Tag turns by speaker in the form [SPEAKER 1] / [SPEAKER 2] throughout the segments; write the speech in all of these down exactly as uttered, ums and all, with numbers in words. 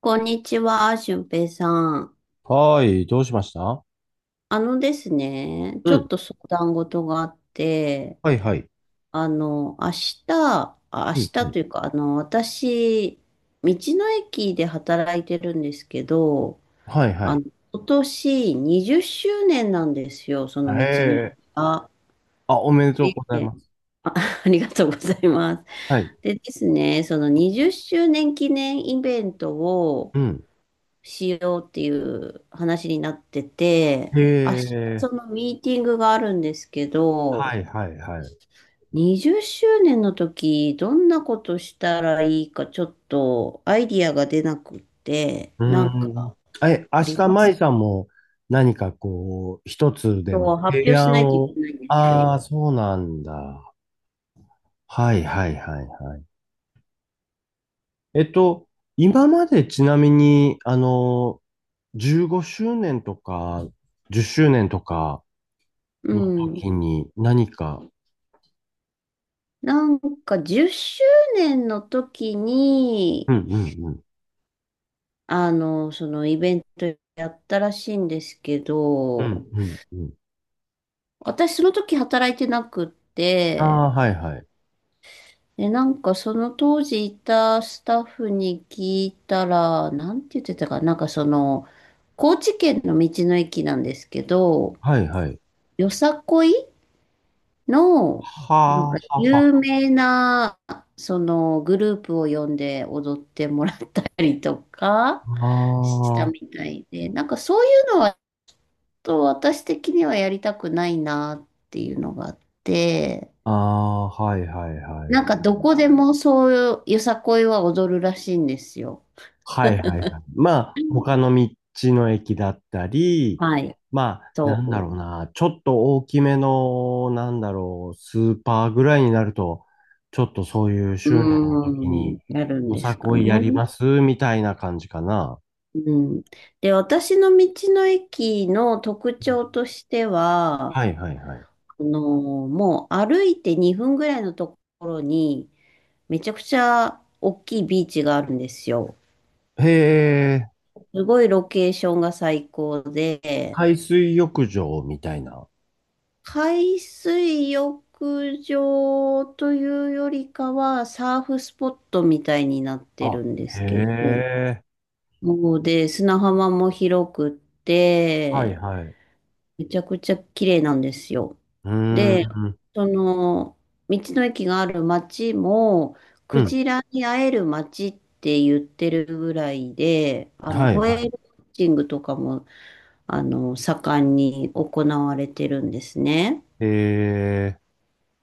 [SPEAKER 1] こんにちは、俊平さん。
[SPEAKER 2] はーい、どうしました？
[SPEAKER 1] あのですね、
[SPEAKER 2] う
[SPEAKER 1] ちょっ
[SPEAKER 2] ん。
[SPEAKER 1] と相談事があって、
[SPEAKER 2] はいはい。
[SPEAKER 1] あの、明日、あ明
[SPEAKER 2] うん
[SPEAKER 1] 日
[SPEAKER 2] うん。
[SPEAKER 1] というか、あの、私、道の駅で働いてるんですけど、
[SPEAKER 2] はいは
[SPEAKER 1] あ
[SPEAKER 2] い。
[SPEAKER 1] の、今年にじゅっしゅうねんなんですよ、そ
[SPEAKER 2] へ
[SPEAKER 1] の道の駅
[SPEAKER 2] え。
[SPEAKER 1] が。
[SPEAKER 2] あ、おめでとうござい
[SPEAKER 1] え、
[SPEAKER 2] ます。
[SPEAKER 1] あ、ありがとうございま
[SPEAKER 2] はい。
[SPEAKER 1] す。でですね、そのにじゅっしゅうねん記念イベントを、
[SPEAKER 2] うん。
[SPEAKER 1] しようっていう話になってて、
[SPEAKER 2] へ
[SPEAKER 1] 明日
[SPEAKER 2] え。
[SPEAKER 1] そのミーティングがあるんですけ
[SPEAKER 2] は
[SPEAKER 1] ど、
[SPEAKER 2] いはいはい。
[SPEAKER 1] にじゅっしゅうねんの時、どんなことしたらいいかちょっとアイディアが出なくって、
[SPEAKER 2] う
[SPEAKER 1] なん
[SPEAKER 2] ん。
[SPEAKER 1] か
[SPEAKER 2] え、明
[SPEAKER 1] あり
[SPEAKER 2] 日、
[SPEAKER 1] ます
[SPEAKER 2] 舞さ
[SPEAKER 1] か？
[SPEAKER 2] んも何かこう、一つで
[SPEAKER 1] そ
[SPEAKER 2] も
[SPEAKER 1] う、発
[SPEAKER 2] 提
[SPEAKER 1] 表しな
[SPEAKER 2] 案
[SPEAKER 1] いとい
[SPEAKER 2] を。
[SPEAKER 1] けないんです
[SPEAKER 2] あ
[SPEAKER 1] よ。
[SPEAKER 2] あ、そうなんだ。はいはいはいはい。えっと、今までちなみに、あの、じゅうごしゅうねんとか、じゅっしゅうねんとか
[SPEAKER 1] う
[SPEAKER 2] の
[SPEAKER 1] ん。
[SPEAKER 2] 時に何か、
[SPEAKER 1] なんかじゅっしゅうねんの時
[SPEAKER 2] う
[SPEAKER 1] に、
[SPEAKER 2] んうん
[SPEAKER 1] あの、そのイベントやったらしいんですけ
[SPEAKER 2] う
[SPEAKER 1] ど、
[SPEAKER 2] ん、うん、うん。
[SPEAKER 1] 私その時働いてなくっ
[SPEAKER 2] あ
[SPEAKER 1] て、
[SPEAKER 2] あ、はいはい。
[SPEAKER 1] で、なんかその当時いたスタッフに聞いたら、なんて言ってたかな、なんかその、高知県の道の駅なんですけど、
[SPEAKER 2] はいはい。
[SPEAKER 1] よさこいの、なん
[SPEAKER 2] は
[SPEAKER 1] か
[SPEAKER 2] あ、は
[SPEAKER 1] 有名な、そのグループを呼んで踊ってもらったりとか
[SPEAKER 2] あ
[SPEAKER 1] したみ
[SPEAKER 2] は
[SPEAKER 1] たいで、なんかそういうのは、ちょっと私的にはやりたくないなっていうのがあって、
[SPEAKER 2] あ、ああ、はいはいは
[SPEAKER 1] なんか
[SPEAKER 2] い。
[SPEAKER 1] どこでもそういうよさこいは踊るらしいんですよ。
[SPEAKER 2] はいはいはい。まあ、他の道の駅だったり、
[SPEAKER 1] はい。
[SPEAKER 2] まあ、なんだろ
[SPEAKER 1] そ
[SPEAKER 2] うな、ちょっと大きめの、なんだろう、スーパーぐらいになると、ちょっとそういう
[SPEAKER 1] う、
[SPEAKER 2] 周年の時
[SPEAKER 1] うー
[SPEAKER 2] に、
[SPEAKER 1] ん、やるん
[SPEAKER 2] お
[SPEAKER 1] で
[SPEAKER 2] さ
[SPEAKER 1] すか
[SPEAKER 2] こいや
[SPEAKER 1] ね？
[SPEAKER 2] りますみたいな感じかな。
[SPEAKER 1] うん。で、私の道の駅の特
[SPEAKER 2] うん。
[SPEAKER 1] 徴としては、
[SPEAKER 2] はいはいはい。
[SPEAKER 1] あの、もう歩いてにふんぐらいのところに、めちゃくちゃ大きいビーチがあるんですよ。
[SPEAKER 2] へえ、
[SPEAKER 1] すごいロケーションが最高で、
[SPEAKER 2] 海水浴場みたいな。
[SPEAKER 1] 海水浴場というよりかは、サーフスポットみたいになって
[SPEAKER 2] あ、
[SPEAKER 1] るんで
[SPEAKER 2] へ
[SPEAKER 1] すけど、
[SPEAKER 2] え。
[SPEAKER 1] もうで、砂浜も広くっ
[SPEAKER 2] はい
[SPEAKER 1] て、
[SPEAKER 2] はい。
[SPEAKER 1] めちゃくちゃ綺麗なんですよ。
[SPEAKER 2] うー
[SPEAKER 1] で、
[SPEAKER 2] ん。
[SPEAKER 1] その、道の駅がある町も、
[SPEAKER 2] う
[SPEAKER 1] ク
[SPEAKER 2] ん。
[SPEAKER 1] ジラに会える町って言ってるぐらいで、あの、
[SPEAKER 2] はい
[SPEAKER 1] ホ
[SPEAKER 2] は
[SPEAKER 1] エールウォッチングとかも、あの、盛んに行われてるんですね。
[SPEAKER 2] い。えー、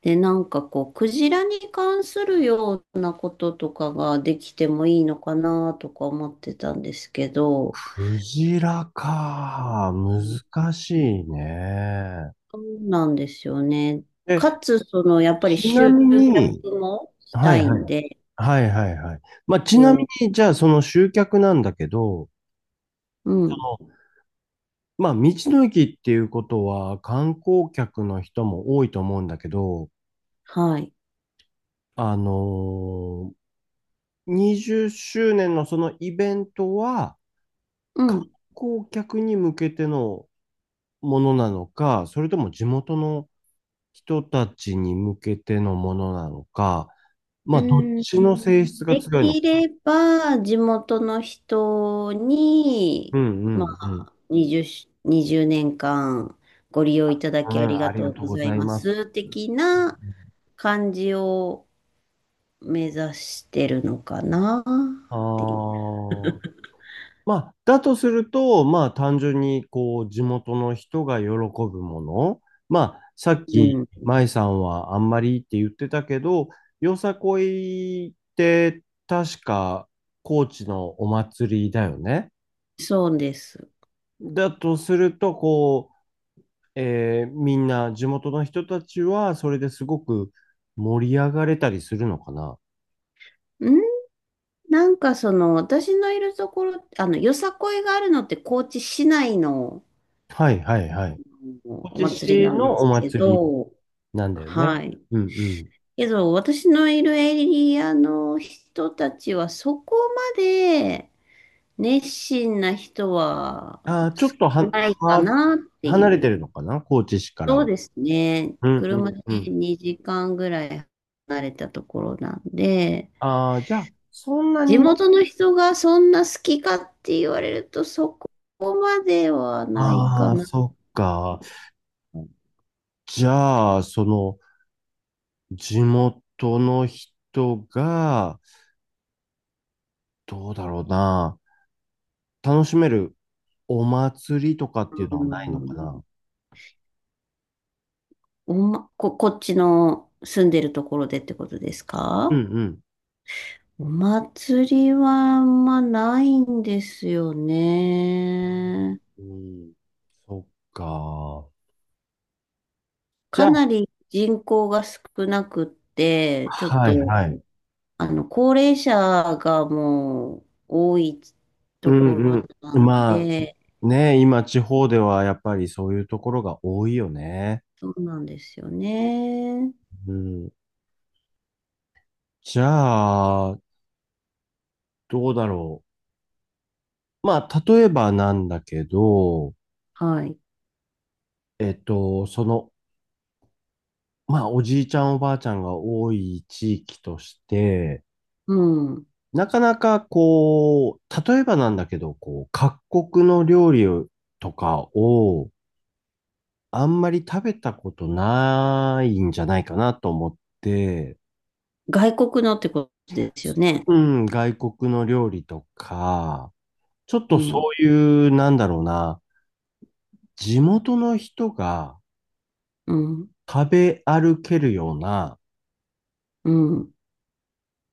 [SPEAKER 1] で、なんかこう、クジラに関するようなこととかができてもいいのかなとか思ってたんですけど、
[SPEAKER 2] クジラか。難しいね。
[SPEAKER 1] そうなんですよね。
[SPEAKER 2] え、
[SPEAKER 1] かつ、その、やっぱり
[SPEAKER 2] ちな
[SPEAKER 1] 集
[SPEAKER 2] みに、
[SPEAKER 1] 客もし
[SPEAKER 2] は
[SPEAKER 1] た
[SPEAKER 2] いは
[SPEAKER 1] いん
[SPEAKER 2] い。
[SPEAKER 1] で、
[SPEAKER 2] はいはいはい。まあ、ちなみ
[SPEAKER 1] そ
[SPEAKER 2] に、じゃあその集客なんだけど、
[SPEAKER 1] う、うん、
[SPEAKER 2] そのまあ、道の駅っていうことは観光客の人も多いと思うんだけど、
[SPEAKER 1] はい、
[SPEAKER 2] あのーにじゅっしゅうねんのそのイベントは、
[SPEAKER 1] う
[SPEAKER 2] 観
[SPEAKER 1] ん。
[SPEAKER 2] 光客に向けてのものなのか、それとも地元の人たちに向けてのものなのか、ま
[SPEAKER 1] う
[SPEAKER 2] あ、どっ
[SPEAKER 1] ん。
[SPEAKER 2] ちの性質が
[SPEAKER 1] で
[SPEAKER 2] 強いのか。
[SPEAKER 1] きれば、地元の人
[SPEAKER 2] う
[SPEAKER 1] に、
[SPEAKER 2] んう
[SPEAKER 1] ま
[SPEAKER 2] んうん。
[SPEAKER 1] あ、にじゅう、にじゅうねんかんご利用いただ
[SPEAKER 2] う
[SPEAKER 1] きあり
[SPEAKER 2] ん、あ
[SPEAKER 1] が
[SPEAKER 2] り
[SPEAKER 1] と
[SPEAKER 2] が
[SPEAKER 1] う
[SPEAKER 2] とう
[SPEAKER 1] ご
[SPEAKER 2] ご
[SPEAKER 1] ざい
[SPEAKER 2] ざい
[SPEAKER 1] ま
[SPEAKER 2] ま
[SPEAKER 1] す、
[SPEAKER 2] す。
[SPEAKER 1] 的な感じを目指してるのかな、
[SPEAKER 2] あ
[SPEAKER 1] ってい
[SPEAKER 2] あ、まあ、だとすると、まあ、単純に、こう、地元の人が喜ぶもの。まあ、さっ
[SPEAKER 1] う。う
[SPEAKER 2] き、
[SPEAKER 1] ん、
[SPEAKER 2] 舞さんはあんまりって言ってたけど、よさこいって、確か、高知のお祭りだよね。
[SPEAKER 1] そうです。
[SPEAKER 2] だとすると、こう、えーみんな、地元の人たちは、それですごく盛り上がれたりするのかな。
[SPEAKER 1] うん。なんかその、私のいるところ、あの、よさこいがあるのって高知市内の
[SPEAKER 2] はいはいはい。
[SPEAKER 1] あの
[SPEAKER 2] 高
[SPEAKER 1] お
[SPEAKER 2] 知
[SPEAKER 1] 祭り
[SPEAKER 2] 市
[SPEAKER 1] なん
[SPEAKER 2] の
[SPEAKER 1] で
[SPEAKER 2] お
[SPEAKER 1] すけ
[SPEAKER 2] 祭り
[SPEAKER 1] ど、
[SPEAKER 2] なんだよね。
[SPEAKER 1] はい。
[SPEAKER 2] うんうん。
[SPEAKER 1] けど、私のいるエリアの人たちはそこまで熱心な人は
[SPEAKER 2] ああ、ちょ
[SPEAKER 1] 少
[SPEAKER 2] っとは、
[SPEAKER 1] ないか
[SPEAKER 2] は、
[SPEAKER 1] なって
[SPEAKER 2] 離
[SPEAKER 1] い
[SPEAKER 2] れて
[SPEAKER 1] う。
[SPEAKER 2] るのかな高知市から
[SPEAKER 1] そう
[SPEAKER 2] は。
[SPEAKER 1] ですね。
[SPEAKER 2] うんう
[SPEAKER 1] 車
[SPEAKER 2] ん
[SPEAKER 1] で
[SPEAKER 2] うん。
[SPEAKER 1] にじかんぐらい離れたところなんで、
[SPEAKER 2] ああ、じゃあ、そんな
[SPEAKER 1] 地
[SPEAKER 2] に、
[SPEAKER 1] 元の人がそんな好きかって言われると、そこまではないか
[SPEAKER 2] ああ、
[SPEAKER 1] な。
[SPEAKER 2] そっか。じゃあ、その、地元の人が、どうだろうな。楽しめるお祭りとかっていう
[SPEAKER 1] う
[SPEAKER 2] のはないのかな。
[SPEAKER 1] ん、おま、こ、こっちの住んでるところでってことです
[SPEAKER 2] うん
[SPEAKER 1] か？
[SPEAKER 2] うん。
[SPEAKER 1] お祭りはあんまないんですよね。
[SPEAKER 2] うん、そっか。じゃ
[SPEAKER 1] か
[SPEAKER 2] あ、
[SPEAKER 1] なり人口が少なくって、ちょっ
[SPEAKER 2] は
[SPEAKER 1] と、
[SPEAKER 2] いはい。
[SPEAKER 1] あの、高齢者がもう多い
[SPEAKER 2] う
[SPEAKER 1] とこ
[SPEAKER 2] ん
[SPEAKER 1] ろな
[SPEAKER 2] うん。
[SPEAKER 1] ん
[SPEAKER 2] ま
[SPEAKER 1] で、
[SPEAKER 2] あ、ね、今地方ではやっぱりそういうところが多いよね。
[SPEAKER 1] そうなんですよね。
[SPEAKER 2] うん。じゃあ、どうだろう。まあ、例えばなんだけど、
[SPEAKER 1] はい。
[SPEAKER 2] えっと、その、まあ、おじいちゃんおばあちゃんが多い地域として、
[SPEAKER 1] うん。
[SPEAKER 2] なかなかこう、例えばなんだけど、こう、各国の料理とかをあんまり食べたことないんじゃないかなと思って、
[SPEAKER 1] 外国のってことですよね。
[SPEAKER 2] うん、外国の料理とか、ちょっと
[SPEAKER 1] う
[SPEAKER 2] そ
[SPEAKER 1] ん、
[SPEAKER 2] ういう、なんだろうな、地元の人が、
[SPEAKER 1] うん、
[SPEAKER 2] 食べ歩けるような、
[SPEAKER 1] うん、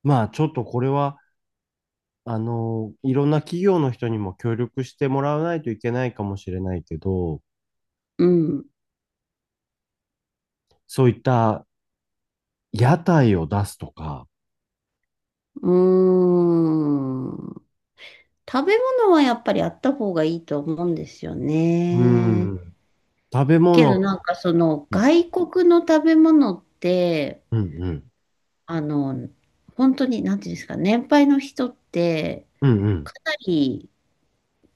[SPEAKER 2] まあちょっとこれは、あの、いろんな企業の人にも協力してもらわないといけないかもしれないけど、
[SPEAKER 1] うん。
[SPEAKER 2] そういった屋台を出すとか、
[SPEAKER 1] うーん。食べ物はやっぱりあった方がいいと思うんですよ
[SPEAKER 2] う
[SPEAKER 1] ね。
[SPEAKER 2] ん、食べ
[SPEAKER 1] け
[SPEAKER 2] 物、
[SPEAKER 1] どなんかその
[SPEAKER 2] うん、
[SPEAKER 1] 外国の食べ物って、
[SPEAKER 2] うん、うん、
[SPEAKER 1] あの、本当になんていうんですかね、年配の人って
[SPEAKER 2] うんうん。
[SPEAKER 1] かなり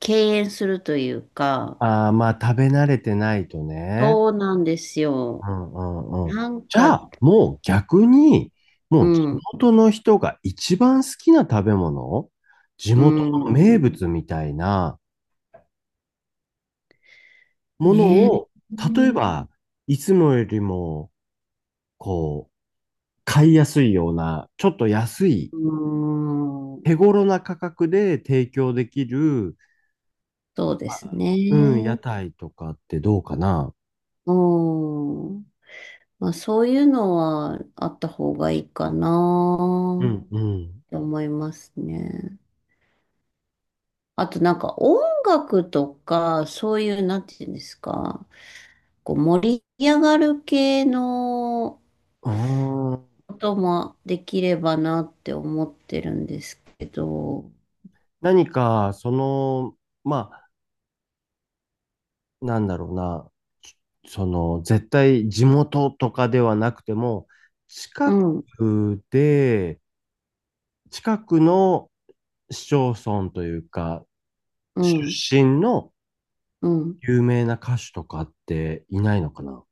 [SPEAKER 1] 敬遠するというか、
[SPEAKER 2] ああ、まあ食べ慣れてないとね。
[SPEAKER 1] そうなんですよ。
[SPEAKER 2] うんうんうん。
[SPEAKER 1] なん
[SPEAKER 2] じゃ
[SPEAKER 1] か、
[SPEAKER 2] あ、もう逆に、
[SPEAKER 1] う
[SPEAKER 2] もう地
[SPEAKER 1] ん、
[SPEAKER 2] 元の人が一番好きな食べ物、地
[SPEAKER 1] う
[SPEAKER 2] 元の
[SPEAKER 1] ん、
[SPEAKER 2] 名物みたいな、も
[SPEAKER 1] ね
[SPEAKER 2] の
[SPEAKER 1] え。
[SPEAKER 2] を、例えば、いつもよりも、こう、買いやすいような、ちょっと安い、
[SPEAKER 1] うーん、
[SPEAKER 2] 手頃な価格で提供できる、
[SPEAKER 1] そうで
[SPEAKER 2] ま
[SPEAKER 1] す
[SPEAKER 2] あうん、屋
[SPEAKER 1] ね。
[SPEAKER 2] 台とかってどうかな。
[SPEAKER 1] うん。まあ、そういうのはあった方がいいか
[SPEAKER 2] う
[SPEAKER 1] な
[SPEAKER 2] んうん。
[SPEAKER 1] って思いますね。あとなんか音楽とか、そういう、なんていうんですか、こう盛り上がる系の
[SPEAKER 2] ああ、
[SPEAKER 1] こともできればなって思ってるんですけど、
[SPEAKER 2] 何か、その、まあ、なんだろうな、その、絶対地元とかではなくても、
[SPEAKER 1] う
[SPEAKER 2] 近
[SPEAKER 1] ん、
[SPEAKER 2] くで、近くの市町村というか、
[SPEAKER 1] うん、
[SPEAKER 2] 出身の
[SPEAKER 1] うん。
[SPEAKER 2] 有名な歌手とかっていないのかな。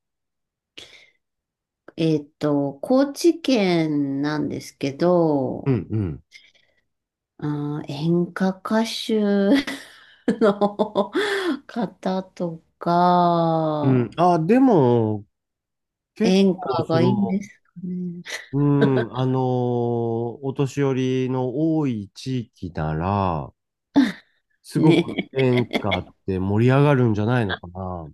[SPEAKER 1] えっと、高知県なんですけ
[SPEAKER 2] う
[SPEAKER 1] ど、
[SPEAKER 2] んうん。
[SPEAKER 1] あー、演歌歌手 の方と
[SPEAKER 2] うん。
[SPEAKER 1] か、
[SPEAKER 2] あ、でも、結
[SPEAKER 1] 演
[SPEAKER 2] 構、
[SPEAKER 1] 歌
[SPEAKER 2] そ
[SPEAKER 1] がいいんで
[SPEAKER 2] の、
[SPEAKER 1] すかね？
[SPEAKER 2] うん、あのーお年寄りの多い地域なら、すごく
[SPEAKER 1] ね。
[SPEAKER 2] 演歌って盛り上がるんじゃないのかな。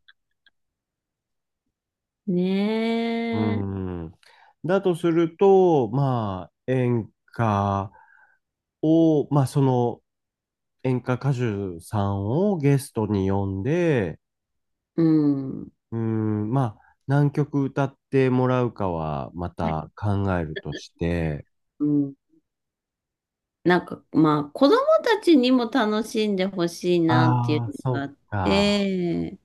[SPEAKER 2] う
[SPEAKER 1] ねえ。
[SPEAKER 2] ん。だとすると、まあ、演歌を、まあ、その演歌歌手さんをゲストに呼んで、
[SPEAKER 1] うん。
[SPEAKER 2] うーん、まあ、何曲歌ってもらうかはまた考えるとして、
[SPEAKER 1] うん。なんか、まあ、子供たちにも楽しんでほしいなってい
[SPEAKER 2] あ
[SPEAKER 1] う
[SPEAKER 2] あ、
[SPEAKER 1] の
[SPEAKER 2] そ
[SPEAKER 1] があっ
[SPEAKER 2] っか。
[SPEAKER 1] て、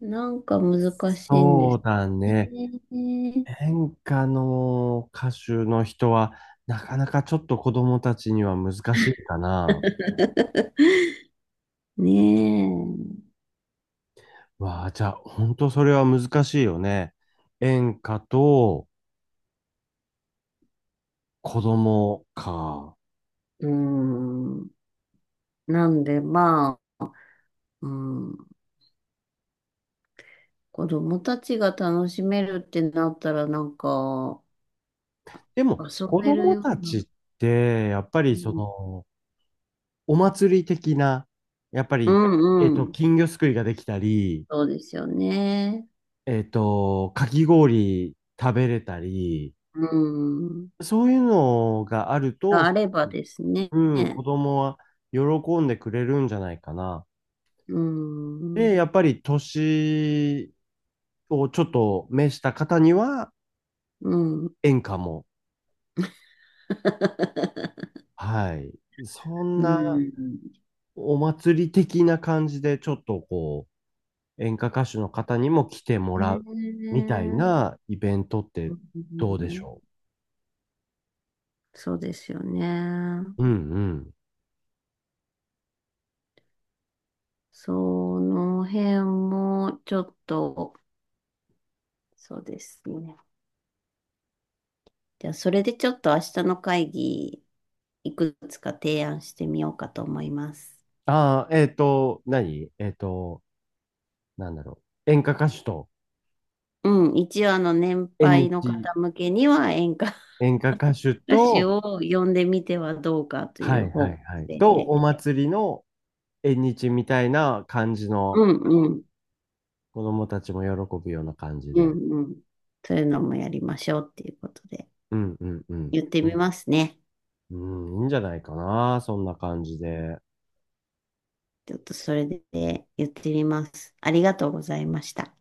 [SPEAKER 1] なんか難しいんで
[SPEAKER 2] そ
[SPEAKER 1] す
[SPEAKER 2] うだね。
[SPEAKER 1] ね。
[SPEAKER 2] 演歌の歌手の人は、なかなかちょっと子供たちには難しいかな。
[SPEAKER 1] ね
[SPEAKER 2] わあ、じゃあ、本当それは難しいよね。演歌と子供か。
[SPEAKER 1] え。うん。なんで、まあ、うん。子供たちが楽しめるってなったら、なんか、
[SPEAKER 2] でも、
[SPEAKER 1] 遊
[SPEAKER 2] 子
[SPEAKER 1] べる
[SPEAKER 2] 供
[SPEAKER 1] よ
[SPEAKER 2] た
[SPEAKER 1] うな。
[SPEAKER 2] ちって、やっぱり
[SPEAKER 1] う
[SPEAKER 2] そ
[SPEAKER 1] ん、
[SPEAKER 2] の、お祭り的な、やっぱ
[SPEAKER 1] う
[SPEAKER 2] り、えっ
[SPEAKER 1] んう
[SPEAKER 2] と、
[SPEAKER 1] ん。
[SPEAKER 2] 金魚すくいができたり、
[SPEAKER 1] そうですよね。
[SPEAKER 2] えっと、かき氷食べれたり、
[SPEAKER 1] うん。
[SPEAKER 2] そういうのがあると、
[SPEAKER 1] が
[SPEAKER 2] す
[SPEAKER 1] あれ
[SPEAKER 2] ご
[SPEAKER 1] ば
[SPEAKER 2] く
[SPEAKER 1] ですね。
[SPEAKER 2] うん、子供は喜んでくれるんじゃないかな。
[SPEAKER 1] うん。
[SPEAKER 2] で、やっぱり年をちょっと召した方には
[SPEAKER 1] うん。
[SPEAKER 2] 演歌も、はい。そん
[SPEAKER 1] う
[SPEAKER 2] な
[SPEAKER 1] ん。
[SPEAKER 2] お祭り的な感じで、ちょっとこう、演歌歌手の方にも来ても
[SPEAKER 1] ね
[SPEAKER 2] らうみたい
[SPEAKER 1] え。
[SPEAKER 2] なイベントっ
[SPEAKER 1] う
[SPEAKER 2] てどうでし
[SPEAKER 1] ん。
[SPEAKER 2] ょ
[SPEAKER 1] そうですよね。
[SPEAKER 2] う？うんうん。
[SPEAKER 1] その辺も、ちょっと、そうですね。じゃあ、それでちょっと明日の会議、いくつか提案してみようかと思います。
[SPEAKER 2] ああ、えっと、何えっと、なんだろう。演歌歌手と、
[SPEAKER 1] うん、一応あの年
[SPEAKER 2] 縁
[SPEAKER 1] 配の
[SPEAKER 2] 日、
[SPEAKER 1] 方向けには演歌
[SPEAKER 2] 演歌歌手
[SPEAKER 1] 歌手
[SPEAKER 2] と、
[SPEAKER 1] を呼んでみてはどうかとい
[SPEAKER 2] は
[SPEAKER 1] う
[SPEAKER 2] いは
[SPEAKER 1] 方
[SPEAKER 2] い
[SPEAKER 1] 向
[SPEAKER 2] はい。
[SPEAKER 1] 性
[SPEAKER 2] と、お
[SPEAKER 1] で、
[SPEAKER 2] 祭りの縁日みたいな感じ
[SPEAKER 1] う
[SPEAKER 2] の、
[SPEAKER 1] んうん、
[SPEAKER 2] 子供たちも喜ぶような感じ
[SPEAKER 1] う
[SPEAKER 2] で。
[SPEAKER 1] んうん、そういうのもやりましょうっていうことで
[SPEAKER 2] うんうんうん。
[SPEAKER 1] 言ってみますね。
[SPEAKER 2] うん、いいんじゃないかな、そんな感じで。
[SPEAKER 1] ちょっとそれで言ってみます。ありがとうございました。